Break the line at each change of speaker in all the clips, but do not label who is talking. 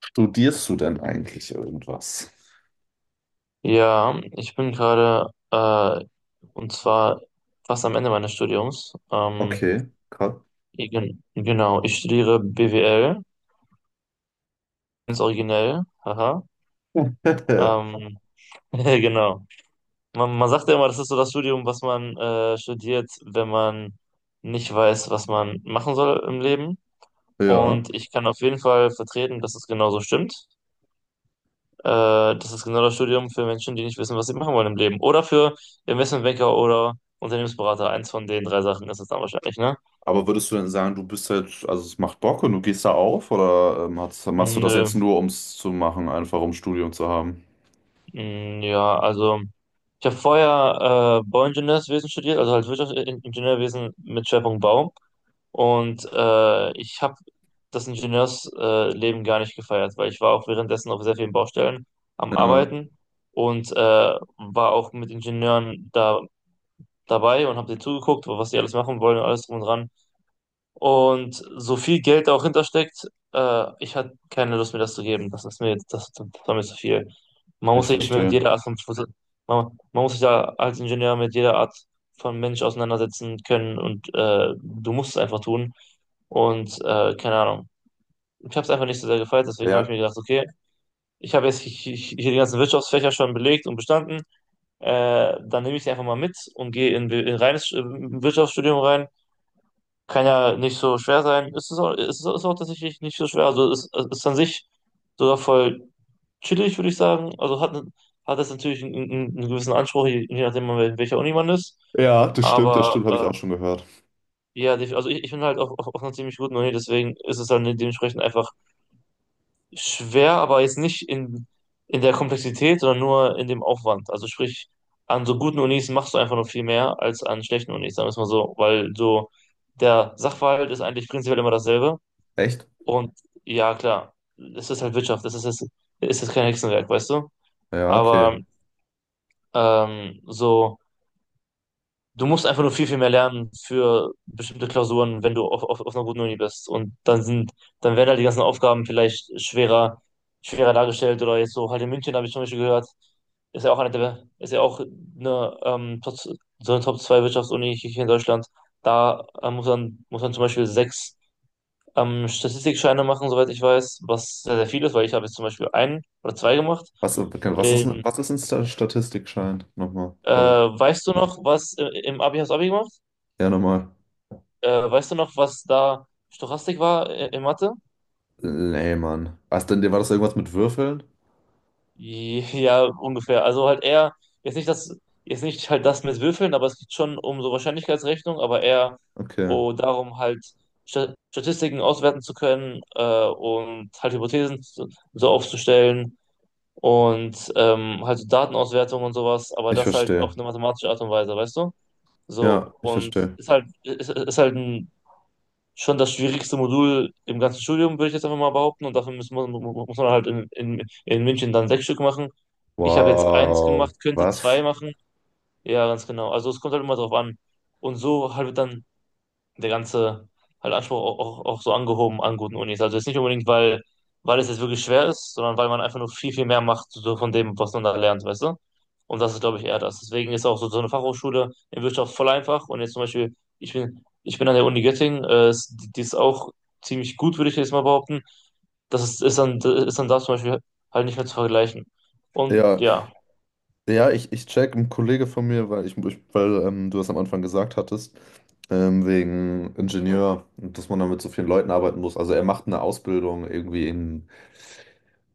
Studierst du denn eigentlich irgendwas?
Ja, ich bin gerade, und zwar fast am Ende meines Studiums.
Okay, krass.
Genau, ich studiere BWL, ganz originell, haha. Ähm, genau. Man sagt ja immer, das ist so das Studium, was man studiert, wenn man nicht weiß, was man machen soll im Leben.
Ja,
Und ich kann auf jeden Fall vertreten, dass es genauso stimmt. Äh, Das ist genau das Studium für Menschen, die nicht wissen, was sie machen wollen im Leben. Oder für Investmentbanker oder Unternehmensberater. Eins von den drei Sachen ist es dann wahrscheinlich, ne?
aber würdest du denn sagen, du bist halt, also es macht Bock und du gehst da auf oder hast, machst du das
Nö.
jetzt nur, um es zu machen, einfach um Studium zu haben?
Mm, ja, also ich habe vorher Bauingenieurwesen studiert, also halt Wirtschaftsingenieurwesen mit Schwerpunkt Bau. Und ich habe das Ingenieursleben gar nicht gefeiert, weil ich war auch währenddessen auf sehr vielen Baustellen am
Ja,
Arbeiten, und war auch mit Ingenieuren da dabei und habe denen zugeguckt, was die alles machen wollen und alles drum und dran. Und so viel Geld da auch hintersteckt, ich hatte keine Lust mir das zu geben. Das war mir zu viel. Man
ich
muss sich mit
verstehe.
jeder Art von, Schlüssel, man muss sich da als Ingenieur mit jeder Art von Mensch auseinandersetzen können und du musst es einfach tun. Und keine Ahnung. Ich habe es einfach nicht so sehr gefeiert, deswegen habe ich
Ja.
mir gedacht, okay, ich habe jetzt hier die ganzen Wirtschaftsfächer schon belegt und bestanden. Dann nehme ich sie einfach mal mit und gehe in reines Wirtschaftsstudium rein. Kann ja nicht so schwer sein. Ist auch tatsächlich nicht so schwer. Also es ist an sich sogar voll chillig, würde ich sagen. Hat es natürlich einen gewissen Anspruch, je nachdem, an wel- welcher Uni man ist.
Ja, das
Aber
stimmt, habe ich auch schon gehört.
ja, def- also ich bin halt auf einer ziemlich guten Uni, deswegen ist es dann dementsprechend einfach schwer, aber jetzt nicht in der Komplexität, sondern nur in dem Aufwand. Also sprich, an so guten Unis machst du einfach nur viel mehr als an schlechten Unis, sagen wir es mal so, weil so der Sachverhalt ist eigentlich prinzipiell immer dasselbe.
Echt?
Und ja, klar, es ist halt Wirtschaft, es ist jetzt kein Hexenwerk, weißt du?
Ja, okay.
Aber so. Du musst einfach nur viel, viel mehr lernen für bestimmte Klausuren, wenn du auf einer guten Uni bist. Und dann sind, dann werden halt die ganzen Aufgaben vielleicht schwerer, schwerer dargestellt oder jetzt so halt in München habe ich zum Beispiel gehört, ist ja auch eine, Top, so eine Top 2 Wirtschaftsuni hier in Deutschland. Da muss man zum Beispiel sechs Statistikscheine machen, soweit ich weiß, was sehr, sehr viel ist, weil ich habe jetzt zum Beispiel einen oder zwei gemacht.
Was, okay,
Ähm,
was ist ein Statistikschein? Nochmal, sorry.
weißt du noch, was im Abi hast du Abi gemacht?
Ja, nochmal.
Weißt du noch, was da Stochastik war in Mathe?
Nee, Mann. Was denn, war das irgendwas mit Würfeln?
Ja, ungefähr. Also halt eher, jetzt nicht das, jetzt nicht halt das mit Würfeln, aber es geht schon um so Wahrscheinlichkeitsrechnung, aber eher
Okay,
oh, darum halt Sta- Statistiken auswerten zu können und halt Hypothesen zu, so aufzustellen und halt so Datenauswertung und sowas, aber
ich
das halt auf
verstehe.
eine mathematische Art und Weise, weißt du?
Ja,
So,
ich
und
verstehe.
ist halt, ist halt ein schon das schwierigste Modul im ganzen Studium, würde ich jetzt einfach mal behaupten. Und dafür muss man halt in München dann sechs Stück machen. Ich habe jetzt eins
Wow,
gemacht, könnte
was?
zwei machen. Ja, ganz genau. Also es kommt halt immer drauf an. Und so halt dann der ganze halt Anspruch auch so angehoben an guten Unis. Also jetzt nicht unbedingt, weil es jetzt wirklich schwer ist, sondern weil man einfach nur viel, viel mehr macht so von dem, was man da lernt, weißt du? Und das ist, glaube ich, eher das. Deswegen ist auch so, so eine Fachhochschule in Wirtschaft voll einfach. Und jetzt zum Beispiel, ich bin an der Uni Göttingen, ist- die ist auch ziemlich gut, würde ich jetzt mal behaupten. Das ist, ist dann da zum Beispiel halt nicht mehr zu vergleichen. Und
Ja,
ja.
ja, ich check, ein Kollege von mir, weil ich weil du das am Anfang gesagt hattest, wegen Ingenieur, und dass man dann mit so vielen Leuten arbeiten muss. Also er macht eine Ausbildung irgendwie in,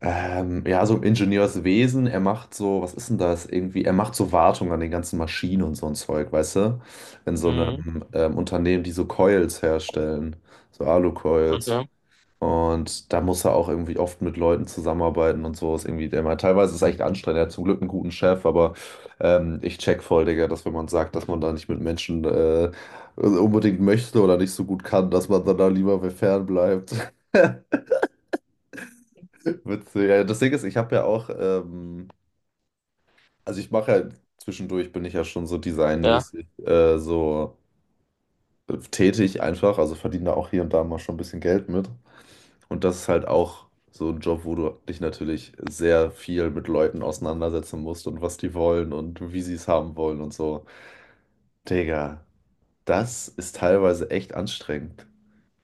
ja, so im Ingenieurswesen, er macht so, was ist denn das? Irgendwie, er macht so Wartung an den ganzen Maschinen und so ein Zeug, weißt du? In so
Mhm.
einem Unternehmen, die so Coils herstellen, so Alucoils.
Okay.
Und da muss er auch irgendwie oft mit Leuten zusammenarbeiten und so. Ist irgendwie, der meint, teilweise ist es echt anstrengend. Er hat zum Glück einen guten Chef, aber ich check voll, Digga, dass wenn man sagt, dass man da nicht mit Menschen unbedingt möchte oder nicht so gut kann, dass man dann da lieber fernbleibt. Witzig. Ja, das Ding ist, ich habe ja auch, also ich mache ja zwischendurch, bin ich ja schon so
Ja,
designmäßig so tätig einfach, also verdiene da auch hier und da mal schon ein bisschen Geld mit. Und das ist halt auch so ein Job, wo du dich natürlich sehr viel mit Leuten auseinandersetzen musst und was die wollen und wie sie es haben wollen und so. Digga, das ist teilweise echt anstrengend.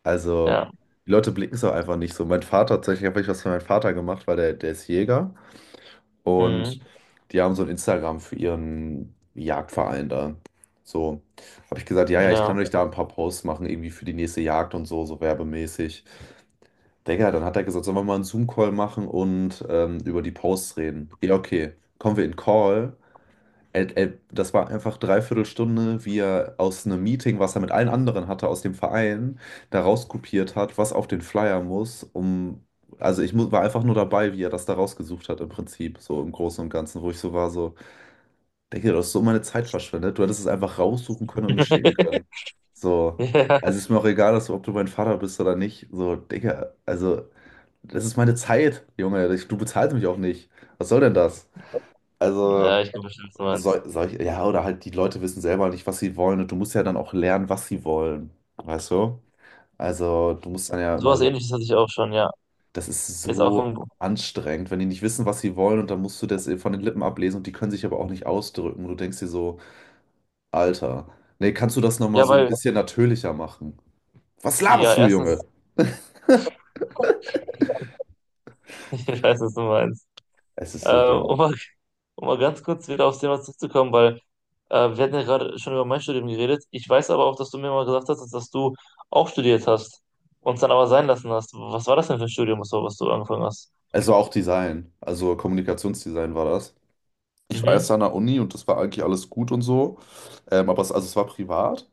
Also,
ja.
die Leute blicken es auch einfach nicht so. Mein Vater, tatsächlich habe ich was für meinen Vater gemacht, weil der ist Jäger und
Mhm.
die haben so ein Instagram für ihren Jagdverein da. So, habe ich gesagt, ja, ja, ich
Ja.
kann euch da ein paar Posts machen, irgendwie für die nächste Jagd und so, so werbemäßig. Digga, dann hat er gesagt, sollen wir mal einen Zoom-Call machen und über die Posts reden. Ja, okay. Kommen wir in Call. Das war einfach dreiviertel Stunde, wie er aus einem Meeting, was er mit allen anderen hatte, aus dem Verein, da rauskopiert hat, was auf den Flyer muss, um. Also war einfach nur dabei, wie er das da rausgesucht hat im Prinzip, so im Großen und Ganzen, wo ich so war, so. Denke, du hast so meine Zeit verschwendet. Du hättest es einfach raussuchen können und mir schicken können. So,
Ja.
also ist mir auch egal, dass du, ob du mein Vater bist oder nicht. So, Digga, also, das ist meine Zeit, Junge. Du bezahlst mich auch nicht. Was soll denn das? Also,
Ja, ich kann verstehen, was du meinst.
soll ich, ja, oder halt die Leute wissen selber nicht, was sie wollen und du musst ja dann auch lernen, was sie wollen. Weißt du? Also, du musst dann ja immer
Sowas
so,
Ähnliches hatte ich auch schon, ja.
das ist
Jetzt auch
so
im,
anstrengend, wenn die nicht wissen, was sie wollen und dann musst du das von den Lippen ablesen und die können sich aber auch nicht ausdrücken. Und du denkst dir so, Alter. Nee, kannst du das nochmal
ja,
so ein
weil,
bisschen natürlicher machen? Was
ja,
laberst du,
erstens,
Junge?
ich weiß, was du meinst.
Es ist so
Äh,
dumm.
um mal, um mal ganz kurz wieder aufs Thema zurückzukommen, weil wir hatten ja gerade schon über mein Studium geredet. Ich weiß aber auch, dass du mir mal gesagt hast, dass, du auch studiert hast und es dann aber sein lassen hast. Was war das denn für ein Studium, was du angefangen hast?
Es war auch Design. Also Kommunikationsdesign war das. Ich war erst
Mhm.
an der Uni und das war eigentlich alles gut und so. Aber es, also es war privat.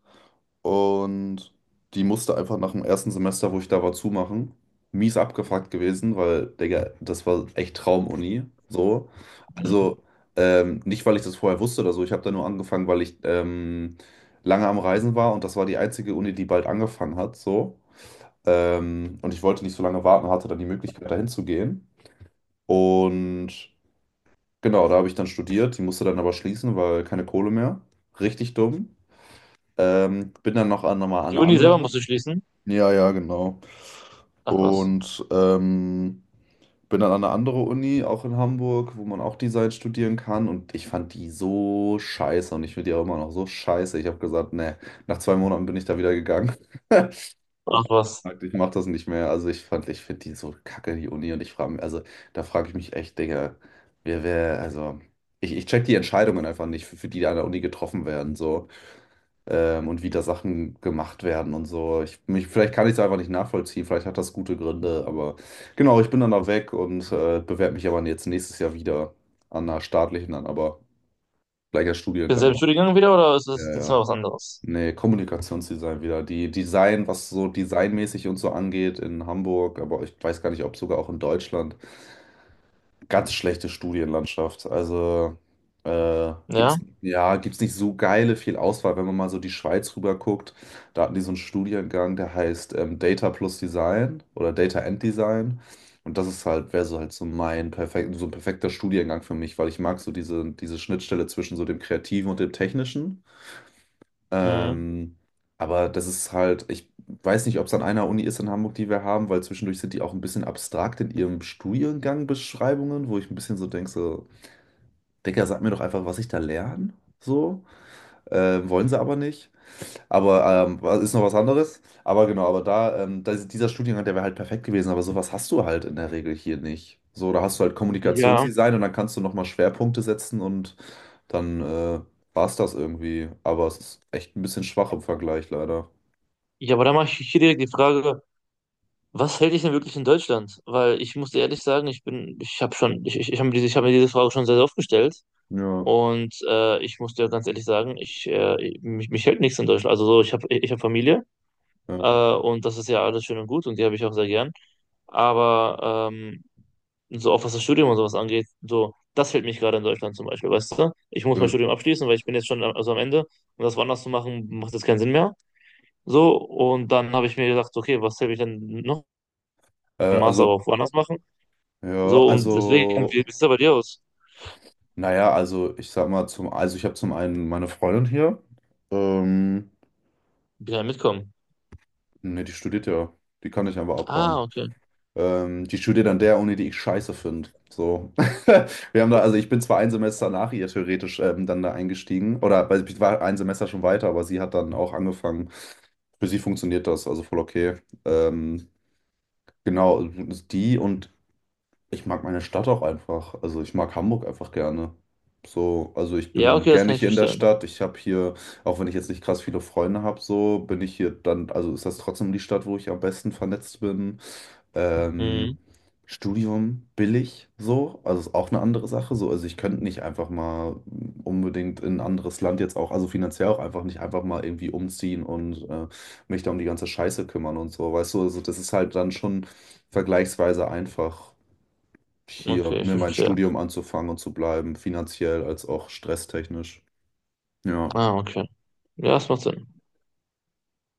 Und die musste einfach nach dem ersten Semester, wo ich da war, zumachen. Mies abgefuckt gewesen, weil, Digga, das war echt Traumuni. So. Also, nicht, weil ich das vorher wusste oder so. Ich habe da nur angefangen, weil ich lange am Reisen war und das war die einzige Uni, die bald angefangen hat. So. Und ich wollte nicht so lange warten, hatte dann die Möglichkeit, dahin zu gehen. Und genau, da habe ich dann studiert. Die musste dann aber schließen, weil keine Kohle mehr. Richtig dumm. Bin dann noch an, nochmal an
Die
eine
Uni selber
andere.
musst du schließen?
Ja, ja, genau.
Ach was.
Und bin dann an eine andere Uni, auch in Hamburg, wo man auch Design studieren kann. Und ich fand die so scheiße und ich finde die auch immer noch so scheiße. Ich habe gesagt, nee, nach zwei Monaten bin ich da wieder gegangen.
Ach was.
Ich mache das nicht mehr. Also ich fand, ich finde die so kacke, die Uni. Und ich frage mich, also da frage ich mich echt, Digga, wer, also ich check die Entscheidungen einfach nicht, für die da an der Uni getroffen werden. So und wie da Sachen gemacht werden und so. Ich, mich, vielleicht kann ich es einfach nicht nachvollziehen, vielleicht hat das gute Gründe, aber genau, ich bin dann da weg und bewerbe mich aber jetzt nächstes Jahr wieder an einer staatlichen, dann aber gleicher
Bin selben
Studiengang.
Studiengang wieder oder ist
Ja,
das diesmal
ja.
was anderes?
Nee, Kommunikationsdesign wieder. Die Design, was so designmäßig und so angeht in Hamburg, aber ich weiß gar nicht, ob sogar auch in Deutschland ganz schlechte Studienlandschaft. Also
Ja?
gibt's, ja, gibt's nicht so geile viel Auswahl, wenn man mal so die Schweiz rüber guckt. Da hatten die so einen Studiengang, der heißt Data plus Design oder Data and Design. Und das ist halt, wäre so halt so mein perfekt, so ein perfekter Studiengang für mich, weil ich mag so diese Schnittstelle zwischen so dem Kreativen und dem Technischen.
Mhm.
Ähm, aber das ist halt, ich weiß nicht, ob es an einer Uni ist in Hamburg, die wir haben, weil zwischendurch sind die auch ein bisschen abstrakt in ihrem Studiengang Beschreibungen, wo ich ein bisschen so denke, so, Digga, sag mir doch einfach, was ich da lerne. So, wollen sie aber nicht. Aber was- ist noch was anderes. Aber genau, aber da, da ist- dieser Studiengang, der wäre halt perfekt gewesen, aber sowas hast du halt in der Regel hier nicht. So, da hast du halt
Ja.
Kommunikationsdesign und dann kannst du nochmal Schwerpunkte setzen und dann war es das irgendwie. Aber es ist echt ein bisschen schwach im Vergleich, leider.
Ja, aber da mache ich hier direkt die Frage, was hält dich denn wirklich in Deutschland? Weil ich muss dir ehrlich sagen, ich habe diese, ich hab mir diese Frage schon sehr, sehr oft gestellt.
Ja,
Und ich muss dir ganz ehrlich sagen, mich hält nichts in Deutschland. Also so, ich habe Familie
ja.
und das ist ja alles schön und gut und die habe ich auch sehr gern. Aber so auch was das Studium und sowas angeht, so, das hält mich gerade in Deutschland zum Beispiel, weißt du? Ich muss mein
Äh,
Studium abschließen, weil ich bin jetzt schon am- also am Ende und das woanders zu machen, macht jetzt keinen Sinn mehr. So, und dann habe ich mir gedacht, okay, was hält mich denn noch?
äh,
Master aber
also,
auch woanders machen.
ja,
So, und deswegen, wie
also,
sieht es bei dir aus?
naja, also ich sag mal, zum, also ich habe zum einen meine Freundin hier. Ähm,
Ja, mitkommen.
ne, die studiert ja. Die kann ich einfach
Ah,
abhauen.
okay.
Die studiert an der Uni, die ich scheiße finde. So. Wir haben da, also ich bin zwar ein Semester nach ihr theoretisch dann da eingestiegen, oder weil ich war ein Semester schon weiter, aber sie hat dann auch angefangen. Für sie funktioniert das, also voll okay. Ähm, genau, die und ich mag meine Stadt auch einfach. Also ich mag Hamburg einfach gerne. So, also ich
Ja,
bin
okay, das
gerne
kann ich
hier in der
verstehen.
Stadt. Ich habe hier, auch wenn ich jetzt nicht krass viele Freunde habe, so bin ich hier dann, also ist das trotzdem die Stadt, wo ich am besten vernetzt bin. Ähm,
Mhm,
Studium billig, so, also ist auch eine andere Sache. So, also ich könnte nicht einfach mal unbedingt in ein anderes Land jetzt auch, also finanziell auch einfach nicht einfach mal irgendwie umziehen und mich da um die ganze Scheiße kümmern und so, weißt du, also das ist halt dann schon vergleichsweise einfach hier
okay, ich
mir mein
verstehe.
Studium anzufangen und zu bleiben, finanziell als auch stresstechnisch. Ja.
Ah, okay. Ja, das macht Sinn.